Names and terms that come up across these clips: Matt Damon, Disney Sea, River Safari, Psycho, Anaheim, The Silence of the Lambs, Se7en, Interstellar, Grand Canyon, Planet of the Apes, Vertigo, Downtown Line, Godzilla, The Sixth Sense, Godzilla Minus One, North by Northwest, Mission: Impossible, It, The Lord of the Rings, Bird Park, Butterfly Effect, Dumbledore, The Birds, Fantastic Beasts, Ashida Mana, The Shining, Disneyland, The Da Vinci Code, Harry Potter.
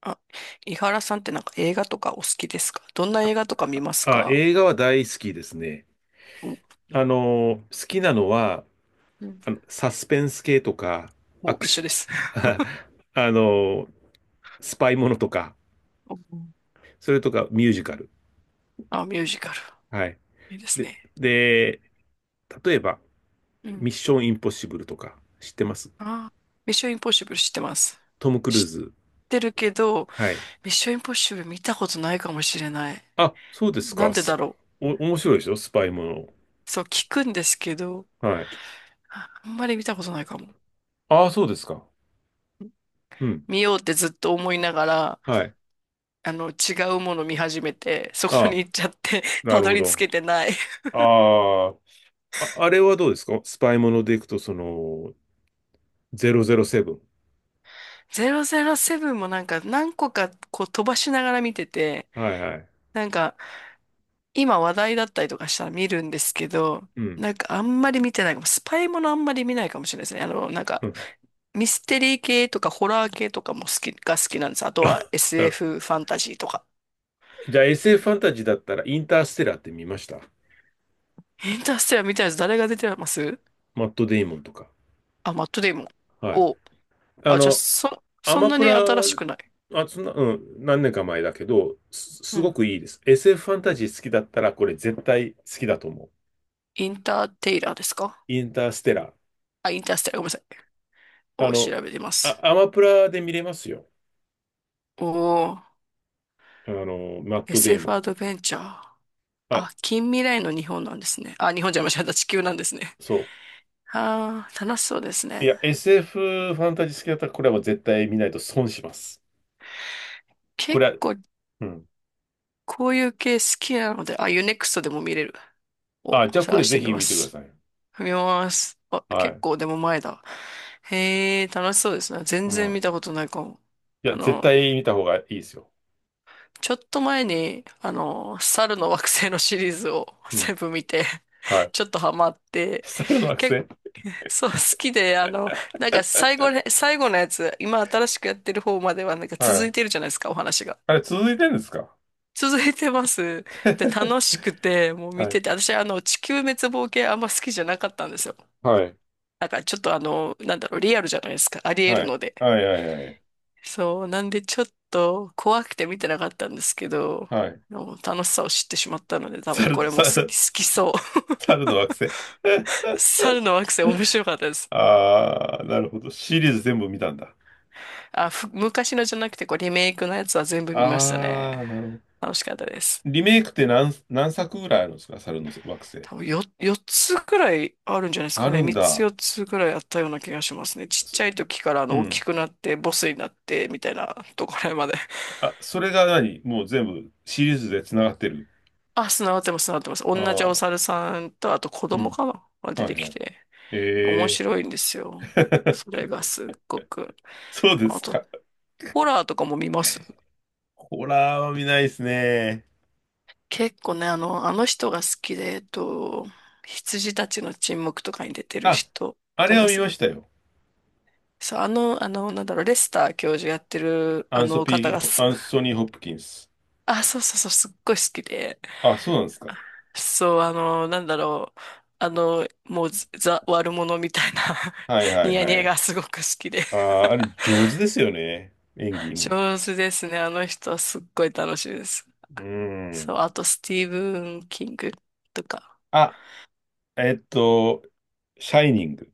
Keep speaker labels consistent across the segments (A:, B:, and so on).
A: あ、井原さんってなんか映画とかお好きですか？どんな映画とか見ます
B: あ、
A: か？
B: 映画は大好きですね。
A: お、
B: 好きなのは、
A: うん。
B: サスペンス系とか、ア
A: もう
B: ク
A: 一緒
B: シ
A: です。
B: ョン、あの、スパイものとか、
A: お、
B: それとかミュージカル。
A: あ、ミュージカル。
B: はい。
A: いいです
B: で、
A: ね。
B: で、例えば、
A: うん。
B: ミッションインポッシブルとか、知ってます？
A: あ、ミッションインポッシブル知ってます。
B: トム・クルー
A: 知っ
B: ズ。
A: てるけど、
B: はい。
A: ミッションインポッシブル見たことないかもしれない。
B: あ、そうです
A: な
B: か。
A: んでだろ
B: お、面白いでしょ？スパイも
A: う。そう聞くんですけど、
B: の。はい。
A: ああんまり見たことないかも。
B: ああ、そうですか。うん。
A: 見ようってずっと思いながら、
B: はい。
A: あの、違うもの見始めて、そ
B: あ
A: こに
B: あ、
A: 行っちゃって、
B: な
A: た
B: る
A: ど
B: ほ
A: り着
B: ど。
A: けてない。
B: あああ、あれはどうですか？スパイものでいくと、その、007。
A: 007もなんか何個かこう飛ばしながら見てて、
B: はいはい。
A: なんか今話題だったりとかしたら見るんですけど、
B: うん。
A: なんかあんまり見てないかも。スパイものあんまり見ないかもしれないですね。あの、なん
B: う
A: か
B: ん
A: ミステリー系とかホラー系とかも好き、が好きなんです。あとは
B: なる
A: SF フファンタジーとか。
B: じゃあ SF フファンタジーだったら、インターステラーって見ました？
A: インターステラー見たやつ誰が出てます？
B: マット・デイモンとか。
A: あ、マットデイモン。
B: はい。
A: おう、
B: あ
A: あ、じゃあ
B: の、
A: そ、
B: ア
A: そん
B: マ
A: な
B: プ
A: に
B: ラ、
A: 新しくない。
B: あ、そんな、うん、何年か前だけど、す、
A: う
B: すご
A: ん。
B: くいいです。SF フファンタジー好きだったら、これ絶対好きだと思う。
A: インターテイラーですか？
B: インターステラー。
A: あ、インターステラー、ごめんなさい。
B: あ
A: を
B: の、
A: 調べてま
B: あ、
A: す。
B: アマプラで見れますよ。
A: お、お。
B: マット・デイモ
A: SF ア
B: ン。
A: ドベンチャー。
B: あ、
A: あ、近未来の日本なんですね。あ、日本じゃ間違えた。地球なんですね。
B: そう。
A: ああ、楽しそうです
B: い
A: ね。
B: や、SF フファンタジー好きだったら、これはもう絶対見ないと損します。こ
A: 結
B: れは、
A: 構、
B: うん。
A: こういう系好きなので、あ、UNEXT でも見れる。を
B: あ、じゃあこ
A: 探
B: れ
A: して
B: ぜ
A: み
B: ひ
A: ま
B: 見てくだ
A: す。
B: さい。
A: 見ます。あ、
B: は
A: 結
B: い。
A: 構でも前だ。へえ、楽しそうですね。全
B: う
A: 然
B: ん。
A: 見たことないかも。
B: いや、
A: あ
B: 絶
A: の、
B: 対見た方がいいですよ。
A: ちょっと前に、あの、猿の惑星のシリーズを
B: う
A: 全
B: ん。
A: 部見て、
B: はい。
A: ちょっとハマっ て、
B: 猿の惑
A: 結、
B: 星
A: そう、好きで、なんか最後ね、最後のやつ、今新しくやってる方まではなんか
B: は
A: 続い
B: い。
A: てるじゃないですか、お話が。
B: あれ、続いてるんですか？
A: 続いてます。で、楽しくて、もう見
B: はい。
A: てて、私、地球滅亡系あんま好きじゃなかったんですよ。
B: はい。
A: なんかちょっとなんだろう、リアルじゃないですか。ありえる
B: はい。
A: ので。
B: はい。はい。はい。
A: そう、なんでちょっと怖くて見てなかったんですけど、
B: はい。
A: もう楽しさを知ってしまったので、多分
B: 猿、
A: これも好
B: 猿、
A: き、好きそう。
B: 猿の惑 星
A: 猿の惑星面白かったです。
B: あー、なるほど。シリーズ全部見たんだ。
A: あ、ふ、昔のじゃなくて、こう、リメイクのやつは全部見ましたね。
B: あー、なるほど。
A: 楽しかったです。
B: リメイクって何作ぐらいあるんですか？猿の惑星。
A: 多分よ、4つくらいあるんじゃないです
B: あ
A: か
B: る
A: ね。
B: ん
A: 3つ
B: だ。
A: 4つくらいあったような気がしますね。ちっ
B: そ
A: ちゃい時からあ
B: う
A: の大き
B: ん。
A: くなってボスになってみたいなところまで。
B: あ、それが何もう全部シリーズで繋がってる。
A: あ、繋がってます、繋がってます。
B: あ
A: 同じお
B: あ、
A: 猿さんとあと子
B: う
A: 供
B: ん。
A: かなが出
B: は
A: て
B: い
A: き
B: はい。
A: て。
B: え
A: 面白いんです
B: え
A: よ。それが すっごく。
B: そうで
A: あ
B: す
A: と、
B: か。
A: ホラーとかも見ます？
B: ホラーは見ないですね。
A: 結構ね、あの人が好きで、羊たちの沈黙とかに出てる
B: あ、
A: 人、わ
B: あ
A: か
B: れ
A: り
B: は
A: ま
B: 見ま
A: す？
B: したよ。
A: そう、なんだろう、レスター教授やってる、あの方がす、
B: アン ソニー・ホップキンス。
A: あ、そうそうそう、すっごい好きで、
B: あ、そうなんですか。
A: そう、あの、なんだろう、あの、もう、ザ、悪者みたいな
B: はいは
A: ニ
B: い
A: ヤ
B: は
A: ニヤ
B: い。
A: がすごく好きで、
B: ああ、あれ上手ですよね。演技も。
A: 上手ですね、あの人はすっごい楽しいです。
B: う
A: そう、
B: ん。
A: あと、スティーブン・キングとか、
B: あ、えっと、シャイニング。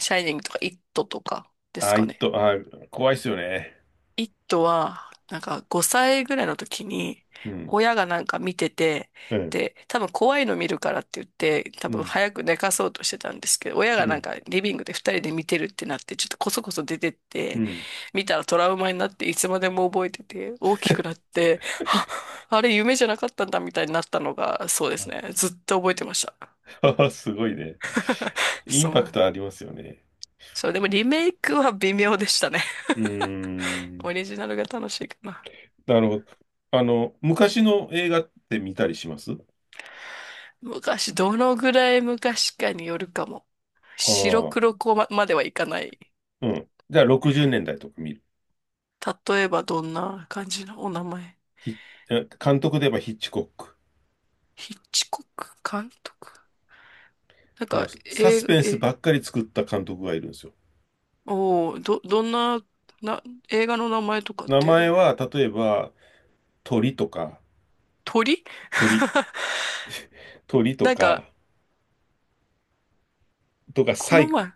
A: シャイニングとか、イットとかです
B: あ、
A: か
B: いっ
A: ね。
B: と、あ、怖いっすよね。
A: イットは、なんか5歳ぐらいの時に、
B: うん。
A: 親がなんか見てて、
B: うん。
A: で、多分怖いの見るからって言って、多
B: う
A: 分
B: ん。
A: 早く寝かそうとしてたんですけど、親
B: う
A: がなん
B: ん。
A: かリビングで2人で見てるってなって、ちょっとこそこそ出てっ
B: う
A: て、
B: ん。
A: 見たらトラウマになって、いつまでも覚えてて、大きくなって、は、あれ夢じゃなかったんだみたいになったのが、そうですね。ずっと覚えてました。
B: すごいね。イン
A: そ
B: パク
A: う。
B: トありますよね。
A: そう、でもリメイクは微妙でしたね。
B: うーん。
A: オリジナルが楽しいかな。
B: なるほど。昔の映画って見たりします？あ
A: 昔、どのぐらい昔かによるかも。白
B: あ、
A: 黒子ま、まではいかない。
B: うん。じゃあ60年代とか見る？
A: 例えばどんな感じのお名前？
B: ヒ監督で言えばヒッチコック。
A: ヒッチコック監督、なんか、
B: サ
A: 映
B: ス
A: 画、
B: ペンス
A: え、
B: ばっかり作った監督がいるんですよ。
A: お、ーど、どんな、な、映画の名前とかっ
B: 名前
A: て、
B: は、例えば、鳥とか、
A: 鳥。
B: 鳥、鳥と
A: なん
B: か、
A: か、
B: とか、
A: この前、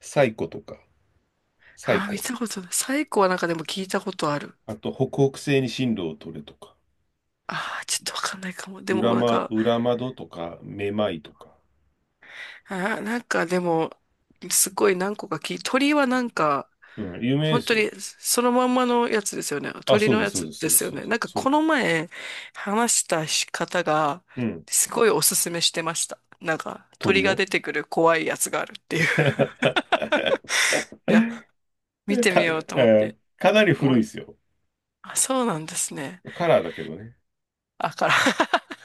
B: サイコとか、サイ
A: あー、見
B: コ。
A: たことない。サイコはなんかでも聞いたことある。
B: あと、北北西に進路を取れとか、
A: ああ、ちょっとわかんないかも。でもなんか、
B: 裏窓とか、めまいとか。
A: あー、なんかでも、すごい何個か聞い、鳥はなんか、
B: うん、有名で
A: 本当
B: すよ。
A: にそのまんまのやつですよね。
B: あ、
A: 鳥
B: そう
A: の
B: で
A: や
B: す、そうで
A: つ
B: す、
A: で
B: そうで
A: す
B: す、
A: よ
B: そうで
A: ね。
B: す。
A: なんか
B: そ
A: こ
B: うで
A: の
B: す
A: 前話した方が、
B: うん、
A: すごいおすすめしてました。なんか
B: 鳥
A: 鳥が
B: よ。
A: 出てくる怖いやつがあるっていう。いや、見て
B: か、
A: みようと思っ
B: え
A: て。
B: ーかなり
A: も
B: 古い
A: う、
B: ですよ。
A: あ、そうなんですね。
B: カラーだけどね。
A: あから。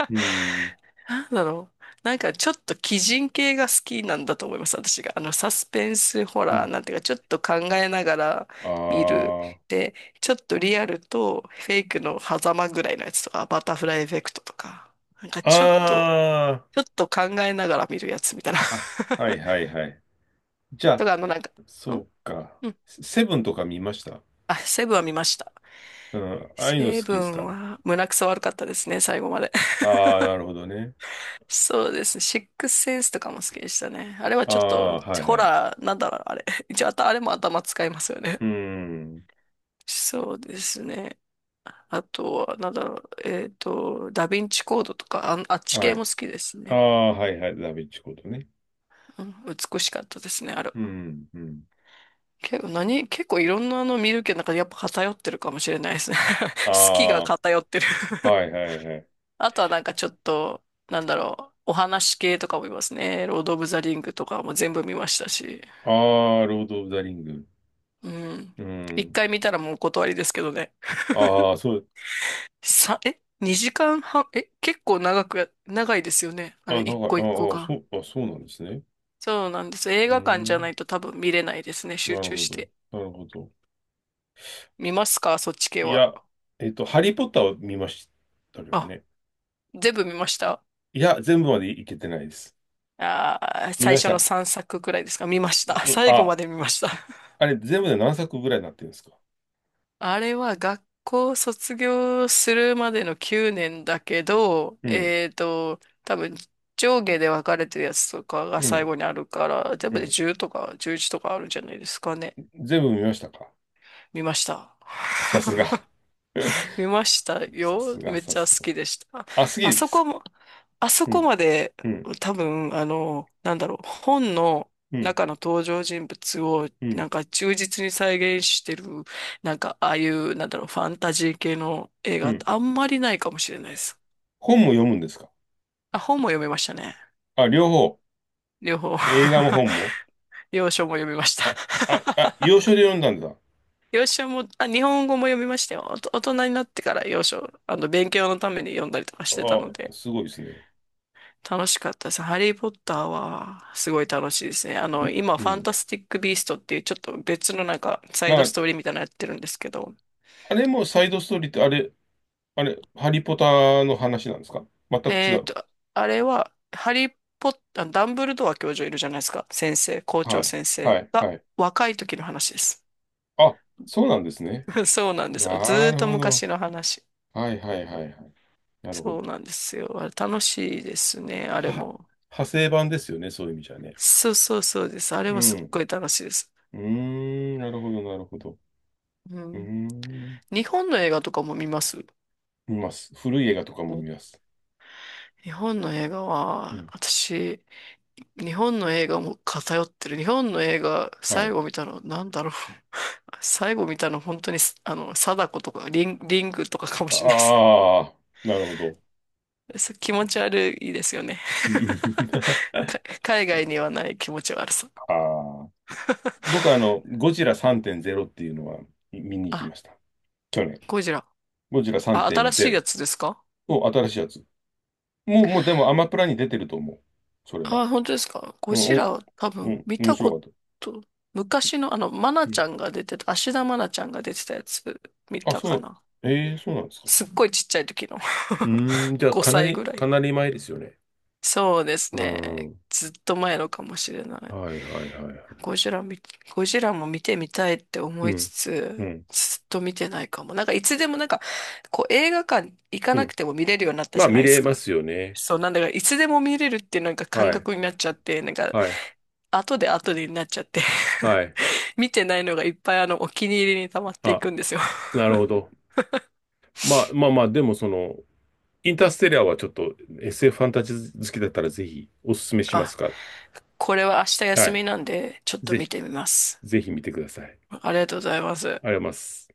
B: うん、
A: なんだろう。なんかちょっと鬼人系が好きなんだと思います、私が。あの、サスペンスホ
B: う
A: ラー
B: ん。
A: なんていうか、ちょっと考えながら見る。
B: あ
A: で、ちょっとリアルとフェイクの狭間ぐらいのやつとか、バタフライエフェクトとか、なんかちょっと、
B: あ、あ
A: ちょっと考えながら見るやつみたいな。
B: あ、あ、はいはいはい。じゃ
A: と
B: あ、
A: か、あの、なんか、
B: そ
A: ん、
B: うか。
A: うん。
B: セブンとか見ました？
A: あ、セブンは見ました。
B: うん、ああいうの
A: セ
B: 好
A: ブ
B: きです
A: ン
B: か？
A: は胸くそ悪かったですね、最後まで。
B: ああ、なるほどね。
A: そうですね。シックスセンスとかも好きでしたね。あれは
B: あ
A: ちょっと、
B: あ、はい
A: ホ
B: はい。
A: ラー、なんだろう、あれ。一応、あた、あれも頭使いますよね。
B: うん、
A: そうですね。あとは、なんだろう、ダヴィンチコードとか、あ、あっち
B: は
A: 系も
B: い。
A: 好きです
B: あ
A: ね。
B: あ、はいはい。ダヴィンチコードね。
A: うん、美しかったですね、あれ。
B: うん、うん。
A: 結構何、結構いろんなの見るけど、なんかやっぱ偏ってるかもしれないですね。
B: あ
A: 好きが偏ってる。
B: あ、はいはいはい。
A: あとはなんかちょっと、なんだろう、お話系とかも見ますね。ロード・オブ・ザ・リングとかも全部見ましたし。
B: ああ、ロード・オブ・ザ・リング。
A: うん。
B: う
A: 一
B: ん。
A: 回見たらもうお断りですけどね。
B: ああ、そう、
A: さ、え？ 2 時間半、え結構長くや、長いですよね。あ
B: あ、な
A: れ、
B: んか、
A: 一個一個
B: ああ、そ
A: が。
B: う、あ、そうなんですね。
A: そうなんです。映
B: う
A: 画館じゃな
B: ん。
A: いと多分見れないですね。集
B: なる
A: 中
B: ほ
A: し
B: ど。
A: て。
B: なるほど。
A: 見ますか、そっち系
B: い
A: は？
B: や、ハリー・ポッターを見ましたけど
A: あ、
B: ね。
A: 全部見ました？
B: いや、全部までいけてないです。
A: あー、
B: 見
A: 最
B: まし
A: 初の
B: た。
A: 3作くくらいですか、見まし
B: う
A: た。
B: ん、
A: 最後
B: あ、
A: まで見ました。
B: あれ、全部で何作ぐらいになってるんですか？
A: あれは学校卒業するまでの9年だけど、
B: うん、
A: 多分上下で分かれてるやつとかが
B: う
A: 最
B: ん、
A: 後にあるから、多
B: う
A: 分で
B: ん。
A: 10とか11とかあるんじゃないですかね。
B: 全部見ましたか？
A: 見ました。
B: さすが。
A: 見ました
B: さ
A: よ。
B: すが、
A: めっ
B: さ
A: ちゃ好
B: すが。
A: きでした。
B: あ、好き
A: あ
B: で
A: そ
B: す。
A: こ
B: 好き
A: も、あそ
B: う
A: こ
B: ん、
A: まで
B: うん、
A: 多分、あの、なんだろう、本の
B: うん、
A: 中の登場人物を
B: う
A: な
B: ん、
A: んか忠実に再現してる、なんかああいう、なんだろう、ファンタジー系の映
B: う
A: 画って
B: ん。
A: あんまりないかもしれないです。
B: 本も読むんですか？
A: あ、本も読めましたね。
B: あ、両方。
A: 両方。
B: 映画も本も。
A: 洋書も読みました。
B: あ、あ、あ、洋書で読んだんだ。
A: 洋書も、あ、日本語も読みましたよ。おと大人になってから洋書、あの、勉強のために読んだりとかしてたの
B: あ、
A: で。
B: すごいですね。
A: 楽しかったです。ハリー・ポッターはすごい楽しいですね。あの、今、
B: う
A: ファン
B: ん。
A: タスティック・ビーストっていうちょっと別のなんかサイド
B: なん
A: ス
B: か、
A: トーリーみたいなのやってるんですけど、
B: あれもサイドストーリーって、あれ、ハリポタの話なんですか？全く違
A: えっ
B: う？
A: と、あれは、ハリー・ポッター、ダンブルドア教授いるじゃないですか。先生、校
B: は
A: 長
B: い。
A: 先生
B: はい。
A: が
B: はい。
A: 若い時の話です。
B: あ、そうなんですね。
A: そうなんですよ。ず
B: な
A: ーっ
B: る
A: と
B: ほど。
A: 昔の話。
B: はいはいはいはい。なるほ
A: そ
B: ど。
A: うなんですよ。あれ楽しいですね、あれ
B: は、
A: も。
B: 派生版ですよね、そういう意味じゃね。
A: そうそうそうです。あれ
B: う
A: もすっ
B: ん。
A: ごい楽しいです。
B: うーん、なるほど、なるほど。
A: う
B: うー
A: ん。
B: ん。
A: 日本の映画とかも見ます？
B: 見ます。古い映画とかも
A: お、
B: 見ます。
A: 日本の映画
B: う
A: は、
B: ん。
A: 私、日本の映画も偏ってる。日本の映画、
B: は
A: 最
B: い。
A: 後見たの、なんだろう。最後見たの、本当に、あの、貞子とか、リン、リングとかかも
B: あ
A: しれないです。
B: あ、なるほど。
A: そう気持ち悪いですよね。
B: うんうんあ
A: か海外にはない気持ち悪さ。
B: あー、僕はゴジラ3.0っていうのは見に行き
A: あ、
B: ました。去年。
A: ゴジラ。
B: ゴジラ
A: あ、新しい
B: 3.0
A: やつですか？
B: を新しいやつ。もうでもアマプラに出てると思う。それは。
A: あ、本当ですか？ゴ
B: うん、
A: ジ
B: うん、
A: ラは多
B: う
A: 分
B: ん
A: 見
B: 面
A: た
B: 白
A: こ
B: かった。
A: と、昔のあの、マナ
B: う
A: ち
B: ん。
A: ゃんが出てた、芦田愛菜ちゃんが出てたやつ見
B: あ、
A: た
B: そ
A: か
B: う
A: な。
B: な、ええそうなんですか。
A: すっごいちっちゃい時の。
B: うーん、じゃ あ
A: 5歳ぐらい。
B: かなり前ですよね。
A: そうです
B: う
A: ね。
B: ん。
A: ずっと前のかもしれない。
B: はいはいはいはい。
A: ゴジラ見、ゴジラも見てみたいって
B: う
A: 思いつ
B: ん、う
A: つ、
B: ん、
A: ずっと見てないかも。なんかいつでもなんか、こう映画館行か
B: う
A: なく
B: ん。
A: ても見れるようになった
B: まあ
A: じゃな
B: 見
A: いです
B: れま
A: か。
B: すよね。
A: そう、なんだからいつでも見れるっていうなんか感
B: はい、
A: 覚になっちゃって、なんか
B: はい、
A: 後で後でになっちゃって
B: はい。
A: 見てないのがいっぱいあのお気に入りに溜まってい
B: あ、
A: くんですよ。
B: なるほど。まあまあま あ、でもその、インターステラーはちょっと SF フファンタジー好きだったらぜひおすすめします
A: あ、
B: から。
A: これは明日
B: は
A: 休み
B: い。
A: なんで、ちょっと見
B: ぜ、
A: てみます。
B: ぜひ見てください。ありがと
A: ありがとうございます。
B: うございます。